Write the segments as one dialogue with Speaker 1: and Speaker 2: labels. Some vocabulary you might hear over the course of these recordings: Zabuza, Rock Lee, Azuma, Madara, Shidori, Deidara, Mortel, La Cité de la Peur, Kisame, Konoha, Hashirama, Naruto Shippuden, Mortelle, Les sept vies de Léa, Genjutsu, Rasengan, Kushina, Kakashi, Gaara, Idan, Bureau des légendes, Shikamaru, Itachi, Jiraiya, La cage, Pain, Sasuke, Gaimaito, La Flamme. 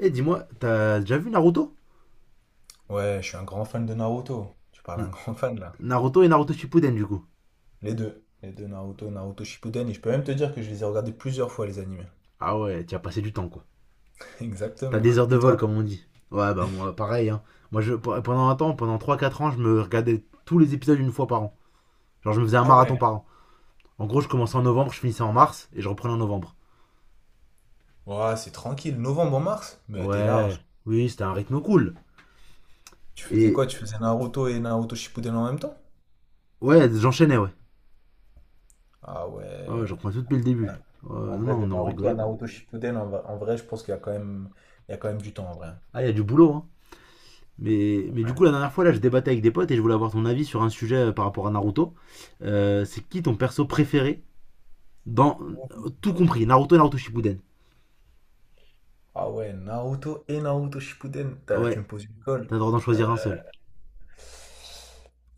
Speaker 1: Eh, dis-moi, t'as déjà vu Naruto?
Speaker 2: Ouais, je suis un grand fan de Naruto. Tu parles à
Speaker 1: N-
Speaker 2: un grand fan là.
Speaker 1: Naruto et Naruto Shippuden, du coup.
Speaker 2: Les deux. Les deux Naruto, Naruto Shippuden. Et je peux même te dire que je les ai regardés plusieurs fois les animés.
Speaker 1: Ah ouais, tu as passé du temps, quoi. T'as
Speaker 2: Exactement.
Speaker 1: des heures de
Speaker 2: Et
Speaker 1: vol,
Speaker 2: toi?
Speaker 1: comme on dit. Ouais, bah moi, pareil, hein. Moi, je, pendant un temps, pendant trois quatre ans, je me regardais tous les épisodes une fois par an. Genre, je me faisais un
Speaker 2: Ah
Speaker 1: marathon
Speaker 2: ouais.
Speaker 1: par an. En gros, je commençais en novembre, je finissais en mars, et je reprenais en novembre.
Speaker 2: Ouais, c'est tranquille. Novembre en mars? Mais t'es
Speaker 1: Ouais,
Speaker 2: large.
Speaker 1: oui, c'était un rythme cool.
Speaker 2: Tu faisais
Speaker 1: Et
Speaker 2: quoi? Tu faisais Naruto et Naruto Shippuden en même temps?
Speaker 1: ouais, j'enchaînais, ouais.
Speaker 2: Ah
Speaker 1: Ouais, ouais,
Speaker 2: ouais.
Speaker 1: je reprenais tout depuis le
Speaker 2: Ouais.
Speaker 1: début. Ouais,
Speaker 2: En
Speaker 1: non,
Speaker 2: vrai, de
Speaker 1: non, non, on
Speaker 2: Naruto à
Speaker 1: rigolait pas.
Speaker 2: Naruto Shippuden, en vrai, je pense qu'il y a quand même, il y a quand même du temps en vrai.
Speaker 1: Ah, il y a du boulot, hein. Mais du
Speaker 2: Ouais.
Speaker 1: coup, la dernière fois, là, je débattais avec des potes et je voulais avoir ton avis sur un sujet par rapport à Naruto. C'est qui ton perso préféré dans tout compris, Naruto et Naruto Shippuden?
Speaker 2: Ah ouais, Naruto et Naruto Shippuden. Tu
Speaker 1: Ouais,
Speaker 2: me poses une
Speaker 1: t'as
Speaker 2: colle.
Speaker 1: le droit d'en choisir un seul.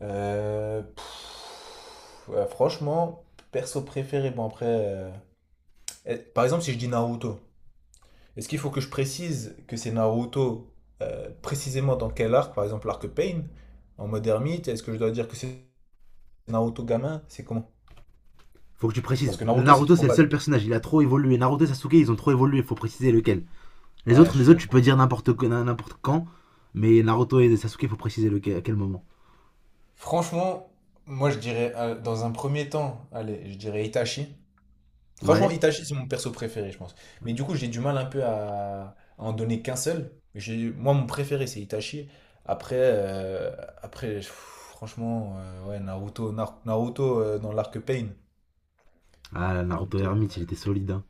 Speaker 2: Ouais, franchement, perso préféré, bon après, par exemple, si je dis Naruto, est-ce qu'il faut que je précise que c'est Naruto précisément dans quel arc, par exemple l'arc Pain, en mode ermite, est-ce que je dois dire que c'est Naruto gamin? C'est comment?
Speaker 1: Faut que tu
Speaker 2: Parce
Speaker 1: précises.
Speaker 2: que Naruto, c'est
Speaker 1: Naruto, c'est
Speaker 2: trop
Speaker 1: le seul
Speaker 2: vague.
Speaker 1: personnage, il a trop évolué. Naruto et Sasuke, ils ont trop évolué, faut préciser lequel.
Speaker 2: Ouais, je suis
Speaker 1: Les autres tu peux
Speaker 2: d'accord.
Speaker 1: dire n'importe quand, mais Naruto et Sasuke, faut préciser lequel, à quel moment.
Speaker 2: Franchement, moi je dirais, dans un premier temps, allez, je dirais Itachi. Franchement,
Speaker 1: Ouais.
Speaker 2: Itachi, c'est mon perso préféré, je pense. Mais du coup, j'ai du mal un peu à en donner qu'un seul. Moi, mon préféré, c'est Itachi. Après, après franchement, ouais, Naruto, Naruto dans l'arc Pain.
Speaker 1: Ah, Naruto
Speaker 2: Naruto.
Speaker 1: Hermite, il était solide. Hein.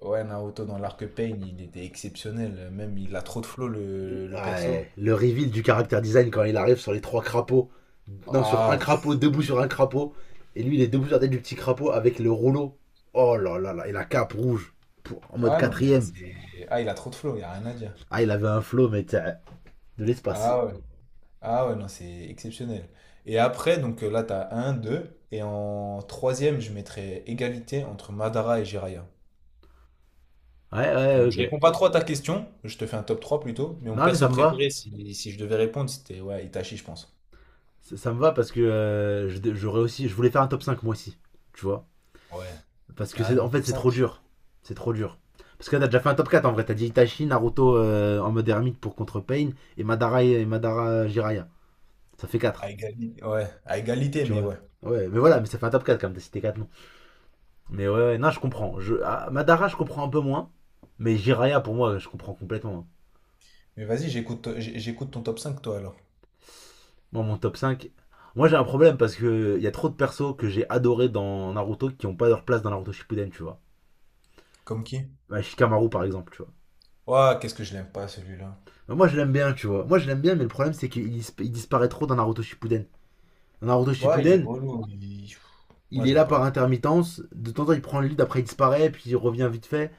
Speaker 2: Ouais, Naruto dans l'arc Pain, il était exceptionnel. Même, il a trop de flow, le perso.
Speaker 1: Ouais, le reveal du caractère design quand il arrive sur les trois crapauds. Non, sur un
Speaker 2: Ah,
Speaker 1: crapaud,
Speaker 2: pff,
Speaker 1: debout sur un crapaud. Et lui, il est debout sur la tête du petit crapaud avec le rouleau. Oh là là là, et la cape rouge. En mode
Speaker 2: ah non, mais
Speaker 1: quatrième.
Speaker 2: ah, il a trop de flow, il n'y a rien à dire.
Speaker 1: Ah, il avait un flow, mais de l'espace.
Speaker 2: Ah ouais. Ah ouais, non, c'est exceptionnel. Et après, là, t'as un, deux. Et en troisième, je mettrais égalité entre Madara et Jiraiya.
Speaker 1: Ouais, ouais,
Speaker 2: Donc je
Speaker 1: ok.
Speaker 2: réponds pas trop à ta question, je te fais un top 3 plutôt, mais mon
Speaker 1: Non, mais
Speaker 2: perso
Speaker 1: ça me va.
Speaker 2: préféré, si je devais répondre, c'était ouais, Itachi, je pense.
Speaker 1: Ça me va parce que j'aurais aussi. Je voulais faire un top 5 moi aussi. Tu vois?
Speaker 2: Ouais,
Speaker 1: Parce que c'est en
Speaker 2: carrément
Speaker 1: fait,
Speaker 2: top
Speaker 1: c'est trop
Speaker 2: cinq.
Speaker 1: dur. C'est trop dur. Parce que là, t'as déjà fait un top 4 en vrai. T'as dit Itachi, Naruto en mode ermite pour contre Pain et Madara, Jiraiya. Ça fait 4,
Speaker 2: À égalité. Ouais, à égalité,
Speaker 1: tu
Speaker 2: mais
Speaker 1: vois.
Speaker 2: ouais.
Speaker 1: Ouais, mais voilà, mais ça fait un top 4 quand même, t'as cité 4 noms. Mais ouais, ouais, non, je comprends. Ah, Madara, je comprends un peu moins. Mais Jiraya, pour moi, je comprends complètement.
Speaker 2: Mais vas-y, j'écoute ton top 5 toi, alors.
Speaker 1: Moi, mon top 5. Moi, j'ai un problème parce qu'il y a trop de persos que j'ai adoré dans Naruto qui n'ont pas leur place dans Naruto Shippuden, tu vois.
Speaker 2: Comme qui?
Speaker 1: Bah, Shikamaru, par exemple, tu vois.
Speaker 2: Ouais, qu'est-ce que je l'aime pas, celui-là.
Speaker 1: Bah, moi, je l'aime bien, tu vois. Moi, je l'aime bien, mais le problème, c'est qu'il il disparaît trop dans Naruto Shippuden. Dans Naruto
Speaker 2: Ouais, il est
Speaker 1: Shippuden,
Speaker 2: relou. Moi,
Speaker 1: il est
Speaker 2: j'aime
Speaker 1: là par
Speaker 2: pas.
Speaker 1: intermittence. De temps en temps, il prend le lead, après, il disparaît, puis il revient vite fait.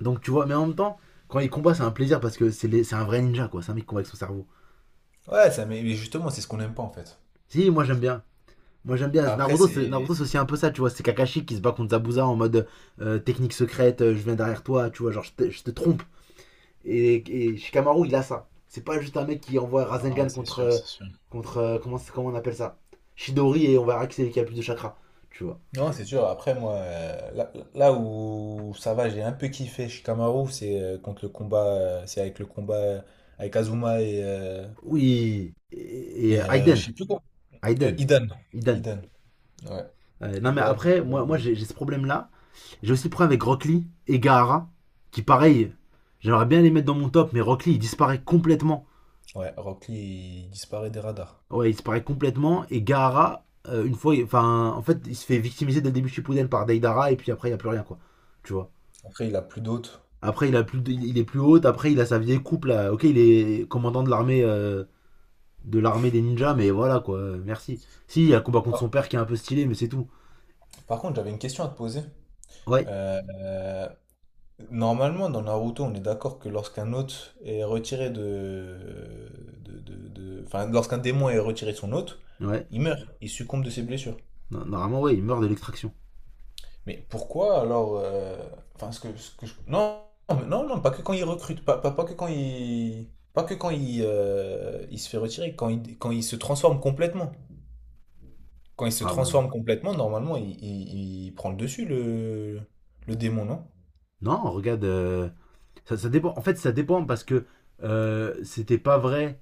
Speaker 1: Donc tu vois, mais en même temps, quand il combat, c'est un plaisir parce que c'est un vrai ninja, quoi. C'est un mec qui combat avec son cerveau.
Speaker 2: Ouais, ça, mais justement, c'est ce qu'on n'aime pas, en fait.
Speaker 1: Si, moi j'aime bien. Moi j'aime bien.
Speaker 2: Après, c'est.
Speaker 1: Naruto, c'est aussi un peu ça, tu vois. C'est Kakashi qui se bat contre Zabuza en mode technique secrète, je viens derrière toi, tu vois, genre je te trompe. Et, et Shikamaru, il a ça. C'est pas juste un mec qui envoie
Speaker 2: Non,
Speaker 1: Rasengan
Speaker 2: c'est
Speaker 1: contre.
Speaker 2: sûr,
Speaker 1: euh,
Speaker 2: c'est sûr.
Speaker 1: contre euh, comment on appelle ça? Shidori, et on verra qui c'est qui a plus de chakra, tu vois.
Speaker 2: Non, c'est sûr. Après, moi, là où ça va, j'ai un peu kiffé Shikamaru, c'est contre le combat, c'est avec le combat avec Azuma et, euh,
Speaker 1: Oui. Et,
Speaker 2: et euh, je
Speaker 1: Aiden.
Speaker 2: sais plus quoi.
Speaker 1: Aiden.
Speaker 2: Idan.
Speaker 1: Aiden.
Speaker 2: Idan. Ouais.
Speaker 1: Non mais
Speaker 2: Idan et,
Speaker 1: après, moi, moi j'ai ce problème là. J'ai aussi pris avec Rock Lee et Gaara, qui pareil, j'aimerais bien les mettre dans mon top, mais Rock Lee il disparaît complètement.
Speaker 2: ouais, Rock Lee, il disparaît des radars.
Speaker 1: Ouais, il disparaît complètement. Et Gaara, une fois, enfin, en fait, il se fait victimiser dès le début Shippuden par Deidara, et puis après, il n'y a plus rien, quoi. Tu vois.
Speaker 2: Après, il a plus d'autres.
Speaker 1: Après, il est plus haut, après, il a sa vieille coupe, là. Ok, il est commandant de l'armée de l'armée des ninjas, mais voilà, quoi. Merci. Si, il y a un combat contre
Speaker 2: Ah.
Speaker 1: son père qui est un peu stylé, mais c'est tout.
Speaker 2: Par contre, j'avais une question à te poser.
Speaker 1: Ouais,
Speaker 2: Euh, Normalement, dans Naruto, on est d'accord que lorsqu'un hôte est retiré de, enfin, lorsqu'un démon est retiré de son hôte,
Speaker 1: ouais.
Speaker 2: il meurt, il succombe de ses blessures.
Speaker 1: Normalement, ouais, il meurt de l'extraction.
Speaker 2: Mais pourquoi alors, enfin, non, mais non, non, pas que quand il recrute, pas que quand il se fait retirer, quand il se transforme complètement. Quand il se
Speaker 1: Ah ben non.
Speaker 2: transforme complètement, normalement, il prend le dessus, le démon, non?
Speaker 1: Non, regarde. Ça, ça dépend. En fait, ça dépend parce que c'était pas vrai.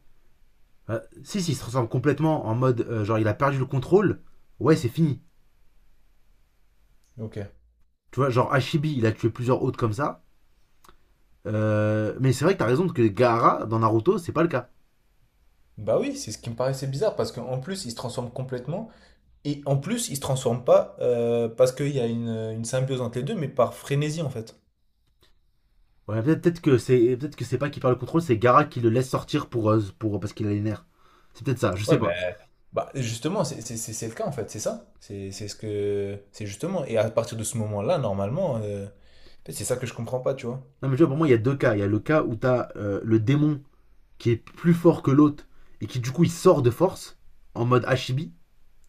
Speaker 1: Si, si, il se ressemble complètement en mode genre il a perdu le contrôle. Ouais, c'est fini.
Speaker 2: Ok.
Speaker 1: Tu vois, genre Hashibi, il a tué plusieurs autres comme ça. Mais c'est vrai que t'as raison que Gaara dans Naruto, c'est pas le cas.
Speaker 2: Bah oui, c'est ce qui me paraissait bizarre, parce qu'en plus, il se transforme complètement. Et en plus, ils se transforment pas parce qu'il y a une symbiose entre les deux, mais par frénésie en fait.
Speaker 1: Ouais, peut-être que c'est peut-être que c'est pas qu'il perd le contrôle, c'est Gaara qui le laisse sortir pour parce qu'il a les nerfs. C'est peut-être ça, je sais
Speaker 2: Ouais, ben.
Speaker 1: pas.
Speaker 2: Bah justement, c'est le cas en fait, c'est ça. C'est ce que c'est justement. Et à partir de ce moment-là, normalement, en fait, c'est ça que je comprends pas, tu vois.
Speaker 1: Non mais tu vois, pour moi, il y a deux cas. Il y a le cas où t'as le démon qui est plus fort que l'autre et qui du coup il sort de force en mode Hashibi,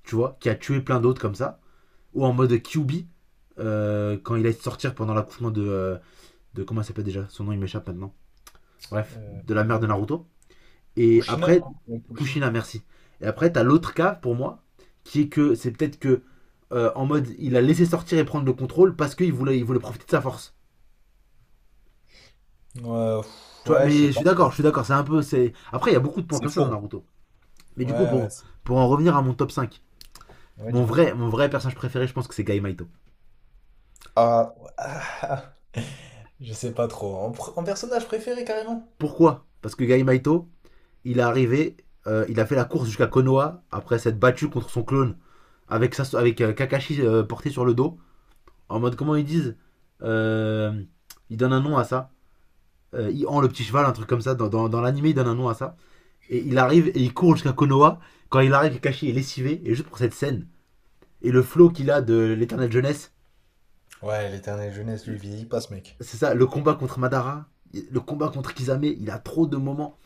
Speaker 1: tu vois, qui a tué plein d'autres comme ça. Ou en mode QB quand il allait sortir pendant l'accouchement de. Comment elle s'appelle déjà? Son nom il m'échappe maintenant. Bref,
Speaker 2: Euh,
Speaker 1: de la mère de
Speaker 2: euh,
Speaker 1: Naruto. Et
Speaker 2: Kushina,
Speaker 1: après,
Speaker 2: Ouais,
Speaker 1: Kushina,
Speaker 2: ouais.
Speaker 1: merci. Et après, t'as l'autre cas pour moi, qui est que c'est peut-être que en mode il a laissé sortir et prendre le contrôle parce qu'il voulait, il voulait profiter de sa force.
Speaker 2: Ouais,
Speaker 1: Tu vois,
Speaker 2: ouais, je
Speaker 1: mais
Speaker 2: sais pas trop.
Speaker 1: je suis d'accord, c'est un peu. C'est Après, il y a beaucoup de points
Speaker 2: C'est
Speaker 1: comme ça dans
Speaker 2: fourbe.
Speaker 1: Naruto. Mais
Speaker 2: Ouais,
Speaker 1: du coup,
Speaker 2: ouais,
Speaker 1: pour en revenir à mon top cinq.
Speaker 2: ouais,
Speaker 1: Mon
Speaker 2: dis-moi.
Speaker 1: vrai, mon vrai personnage préféré, je pense que c'est Gaïmaito.
Speaker 2: Ah, ouais, ah, ah. Je sais pas trop. En personnage préféré carrément.
Speaker 1: Pourquoi? Parce que Gaïmaito il est arrivé, il a fait la course jusqu'à Konoha après s'être battu contre son clone avec Kakashi porté sur le dos. En mode, comment ils disent? Euh, Il donne un nom à ça. Il en le petit cheval, un truc comme ça. Dans l'anime, il donne un nom à ça. Et il arrive et il court jusqu'à Konoha. Quand il arrive, Kakashi est lessivé. Et juste pour cette scène, et le flow qu'il a de l'éternelle jeunesse,
Speaker 2: Ouais, l'éternelle jeunesse, lui, vieillit pas ce mec.
Speaker 1: c'est ça, le combat contre Madara, le combat contre Kisame, il a trop de moments.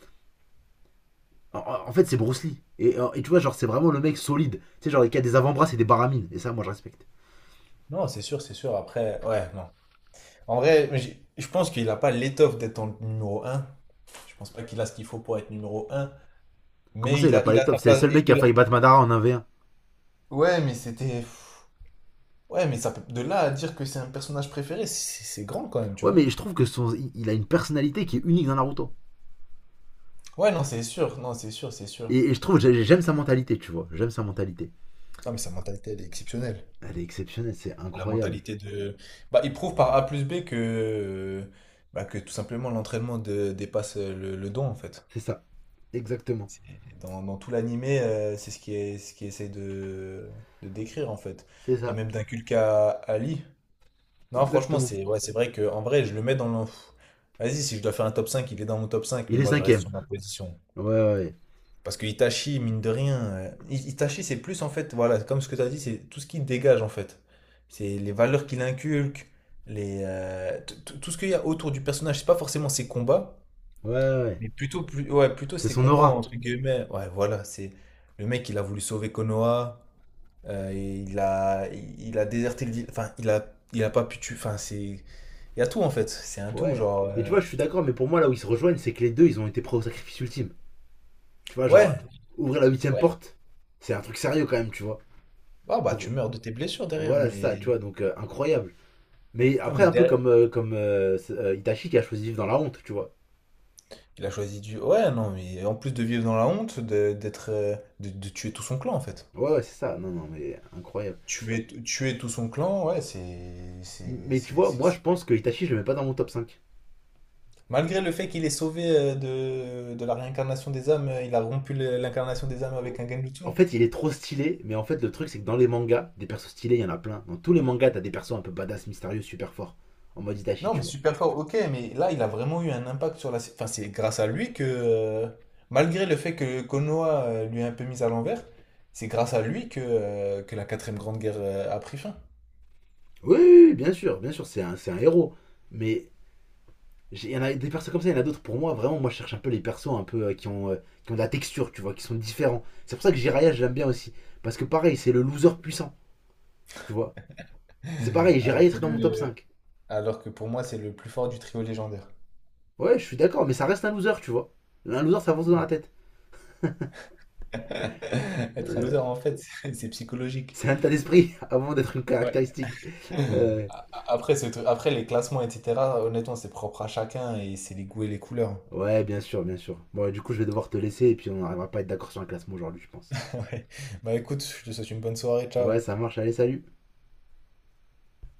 Speaker 1: En fait, c'est Bruce Lee. Et tu vois, genre, c'est vraiment le mec solide. Tu sais, genre, il a des avant-bras c'est des baramines. Et ça, moi, je respecte.
Speaker 2: Non, c'est sûr, c'est sûr. Après, ouais, non. En vrai, je pense qu'il n'a pas l'étoffe d'être en numéro un. Je pense pas qu'il a ce qu'il faut pour être numéro un.
Speaker 1: Comment
Speaker 2: Mais
Speaker 1: ça, il
Speaker 2: il
Speaker 1: a
Speaker 2: a,
Speaker 1: pas
Speaker 2: il a sa
Speaker 1: l'étoffe? C'est le
Speaker 2: place.
Speaker 1: seul mec qui a failli battre Madara en un v 1.
Speaker 2: Ouais, mais c'était. Ouais, mais de là à dire que c'est un personnage préféré, c'est grand quand même, tu
Speaker 1: Ouais,
Speaker 2: vois.
Speaker 1: mais je trouve que il a une personnalité qui est unique dans Naruto.
Speaker 2: Ouais, non, c'est sûr. Non, c'est sûr, c'est sûr.
Speaker 1: Et je trouve, j'aime sa mentalité, tu vois. J'aime sa mentalité.
Speaker 2: Non, mais sa mentalité, elle est exceptionnelle.
Speaker 1: Elle est exceptionnelle, c'est
Speaker 2: La
Speaker 1: incroyable.
Speaker 2: mentalité de. Bah, il prouve par A plus B que. Bah, que tout simplement l'entraînement dépasse le don, en fait.
Speaker 1: C'est ça. Exactement.
Speaker 2: C'est- dans tout l'animé, c'est ce qui est, ce qui essaie de décrire en fait.
Speaker 1: C'est
Speaker 2: Et
Speaker 1: ça.
Speaker 2: même d'inculquer à Ali. Non, franchement,
Speaker 1: Exactement.
Speaker 2: c'est ouais, c'est vrai que en vrai, je le mets dans le. Vas-y, si je dois faire un top 5, il est dans mon top 5, mais
Speaker 1: Il est
Speaker 2: moi je reste
Speaker 1: cinquième.
Speaker 2: sur ma position.
Speaker 1: Ouais, ouais, ouais.
Speaker 2: Parce que Itachi, mine de rien, Itachi, c'est plus en fait, voilà, comme ce que tu as dit, c'est tout ce qu'il dégage en fait. C'est les valeurs qu'il inculque, les, tout ce qu'il y a autour du personnage. C'est pas forcément ses combats,
Speaker 1: Ouais, ouais. Ouais.
Speaker 2: mais plutôt, plus, ouais, plutôt
Speaker 1: C'est
Speaker 2: ces
Speaker 1: son
Speaker 2: combats
Speaker 1: aura.
Speaker 2: entre guillemets. Ouais, voilà, c'est le mec, il a voulu sauver Konoha, il a déserté enfin, il a pas pu tuer. Enfin, il y a tout en fait. C'est un tout,
Speaker 1: Ouais.
Speaker 2: genre.
Speaker 1: Mais tu vois, je suis d'accord, mais pour moi, là où ils se rejoignent, c'est que les deux, ils ont été prêts au sacrifice ultime. Tu vois, genre,
Speaker 2: Ouais,
Speaker 1: ouvrir la huitième
Speaker 2: ouais.
Speaker 1: porte, c'est un truc sérieux quand même, tu vois.
Speaker 2: Ah bah, tu
Speaker 1: Pour...
Speaker 2: meurs de tes blessures derrière,
Speaker 1: Voilà, c'est ça, tu
Speaker 2: mais
Speaker 1: vois, donc incroyable. Mais
Speaker 2: non,
Speaker 1: après,
Speaker 2: mais
Speaker 1: un peu
Speaker 2: derrière,
Speaker 1: comme Itachi qui a choisi de vivre dans la honte, tu vois.
Speaker 2: il a choisi du. Ouais, non, mais en plus de vivre dans la honte, d'être, de tuer tout son clan en fait.
Speaker 1: Ouais, ouais, c'est ça, non, non, mais incroyable.
Speaker 2: Tuer, tuer tout son clan, ouais.
Speaker 1: Mais tu vois, moi je pense que Itachi, je le mets pas dans mon top cinq.
Speaker 2: Malgré le fait qu'il ait sauvé de la réincarnation des âmes, il a rompu l'incarnation des âmes avec un Genjutsu.
Speaker 1: En fait, il est trop stylé, mais en fait, le truc, c'est que dans les mangas, des persos stylés, il y en a plein. Dans tous les mangas, t'as des persos un peu badass, mystérieux, super forts, en mode Itachi,
Speaker 2: Non,
Speaker 1: tu
Speaker 2: mais
Speaker 1: vois.
Speaker 2: super fort, ok, mais là, il a vraiment eu un impact sur enfin, c'est grâce à lui que, malgré le fait que Konoha lui a un peu mis à l'envers, c'est grâce à lui que la quatrième grande guerre a pris fin.
Speaker 1: Oui, oui, oui, bien sûr, c'est un héros. Mais il y en a des persos comme ça, il y en a d'autres. Pour moi, vraiment, moi je cherche un peu les persos un peu qui ont de la texture, tu vois, qui sont différents. C'est pour ça que Jiraya, je l'aime bien aussi. Parce que pareil, c'est le loser puissant, tu vois. C'est pareil,
Speaker 2: Alors
Speaker 1: Jiraya
Speaker 2: que
Speaker 1: serait dans mon top
Speaker 2: le,
Speaker 1: cinq.
Speaker 2: Alors que pour moi, c'est le plus fort du trio légendaire.
Speaker 1: Ouais, je suis d'accord, mais ça reste un loser, tu vois. Un loser, ça avance dans la tête.
Speaker 2: Être un
Speaker 1: Euh,
Speaker 2: loser, en fait, c'est psychologique.
Speaker 1: c'est un état d'esprit avant d'être une
Speaker 2: Ouais.
Speaker 1: caractéristique. Euh,
Speaker 2: Après, les classements, etc., honnêtement, c'est propre à chacun et c'est les goûts et les couleurs.
Speaker 1: ouais, bien sûr, bien sûr. Bon, du coup, je vais devoir te laisser et puis on n'arrivera pas à être d'accord sur un classement aujourd'hui, je pense.
Speaker 2: Ouais. Bah écoute, je te souhaite une bonne soirée,
Speaker 1: Ouais,
Speaker 2: ciao.
Speaker 1: ça marche, allez, salut.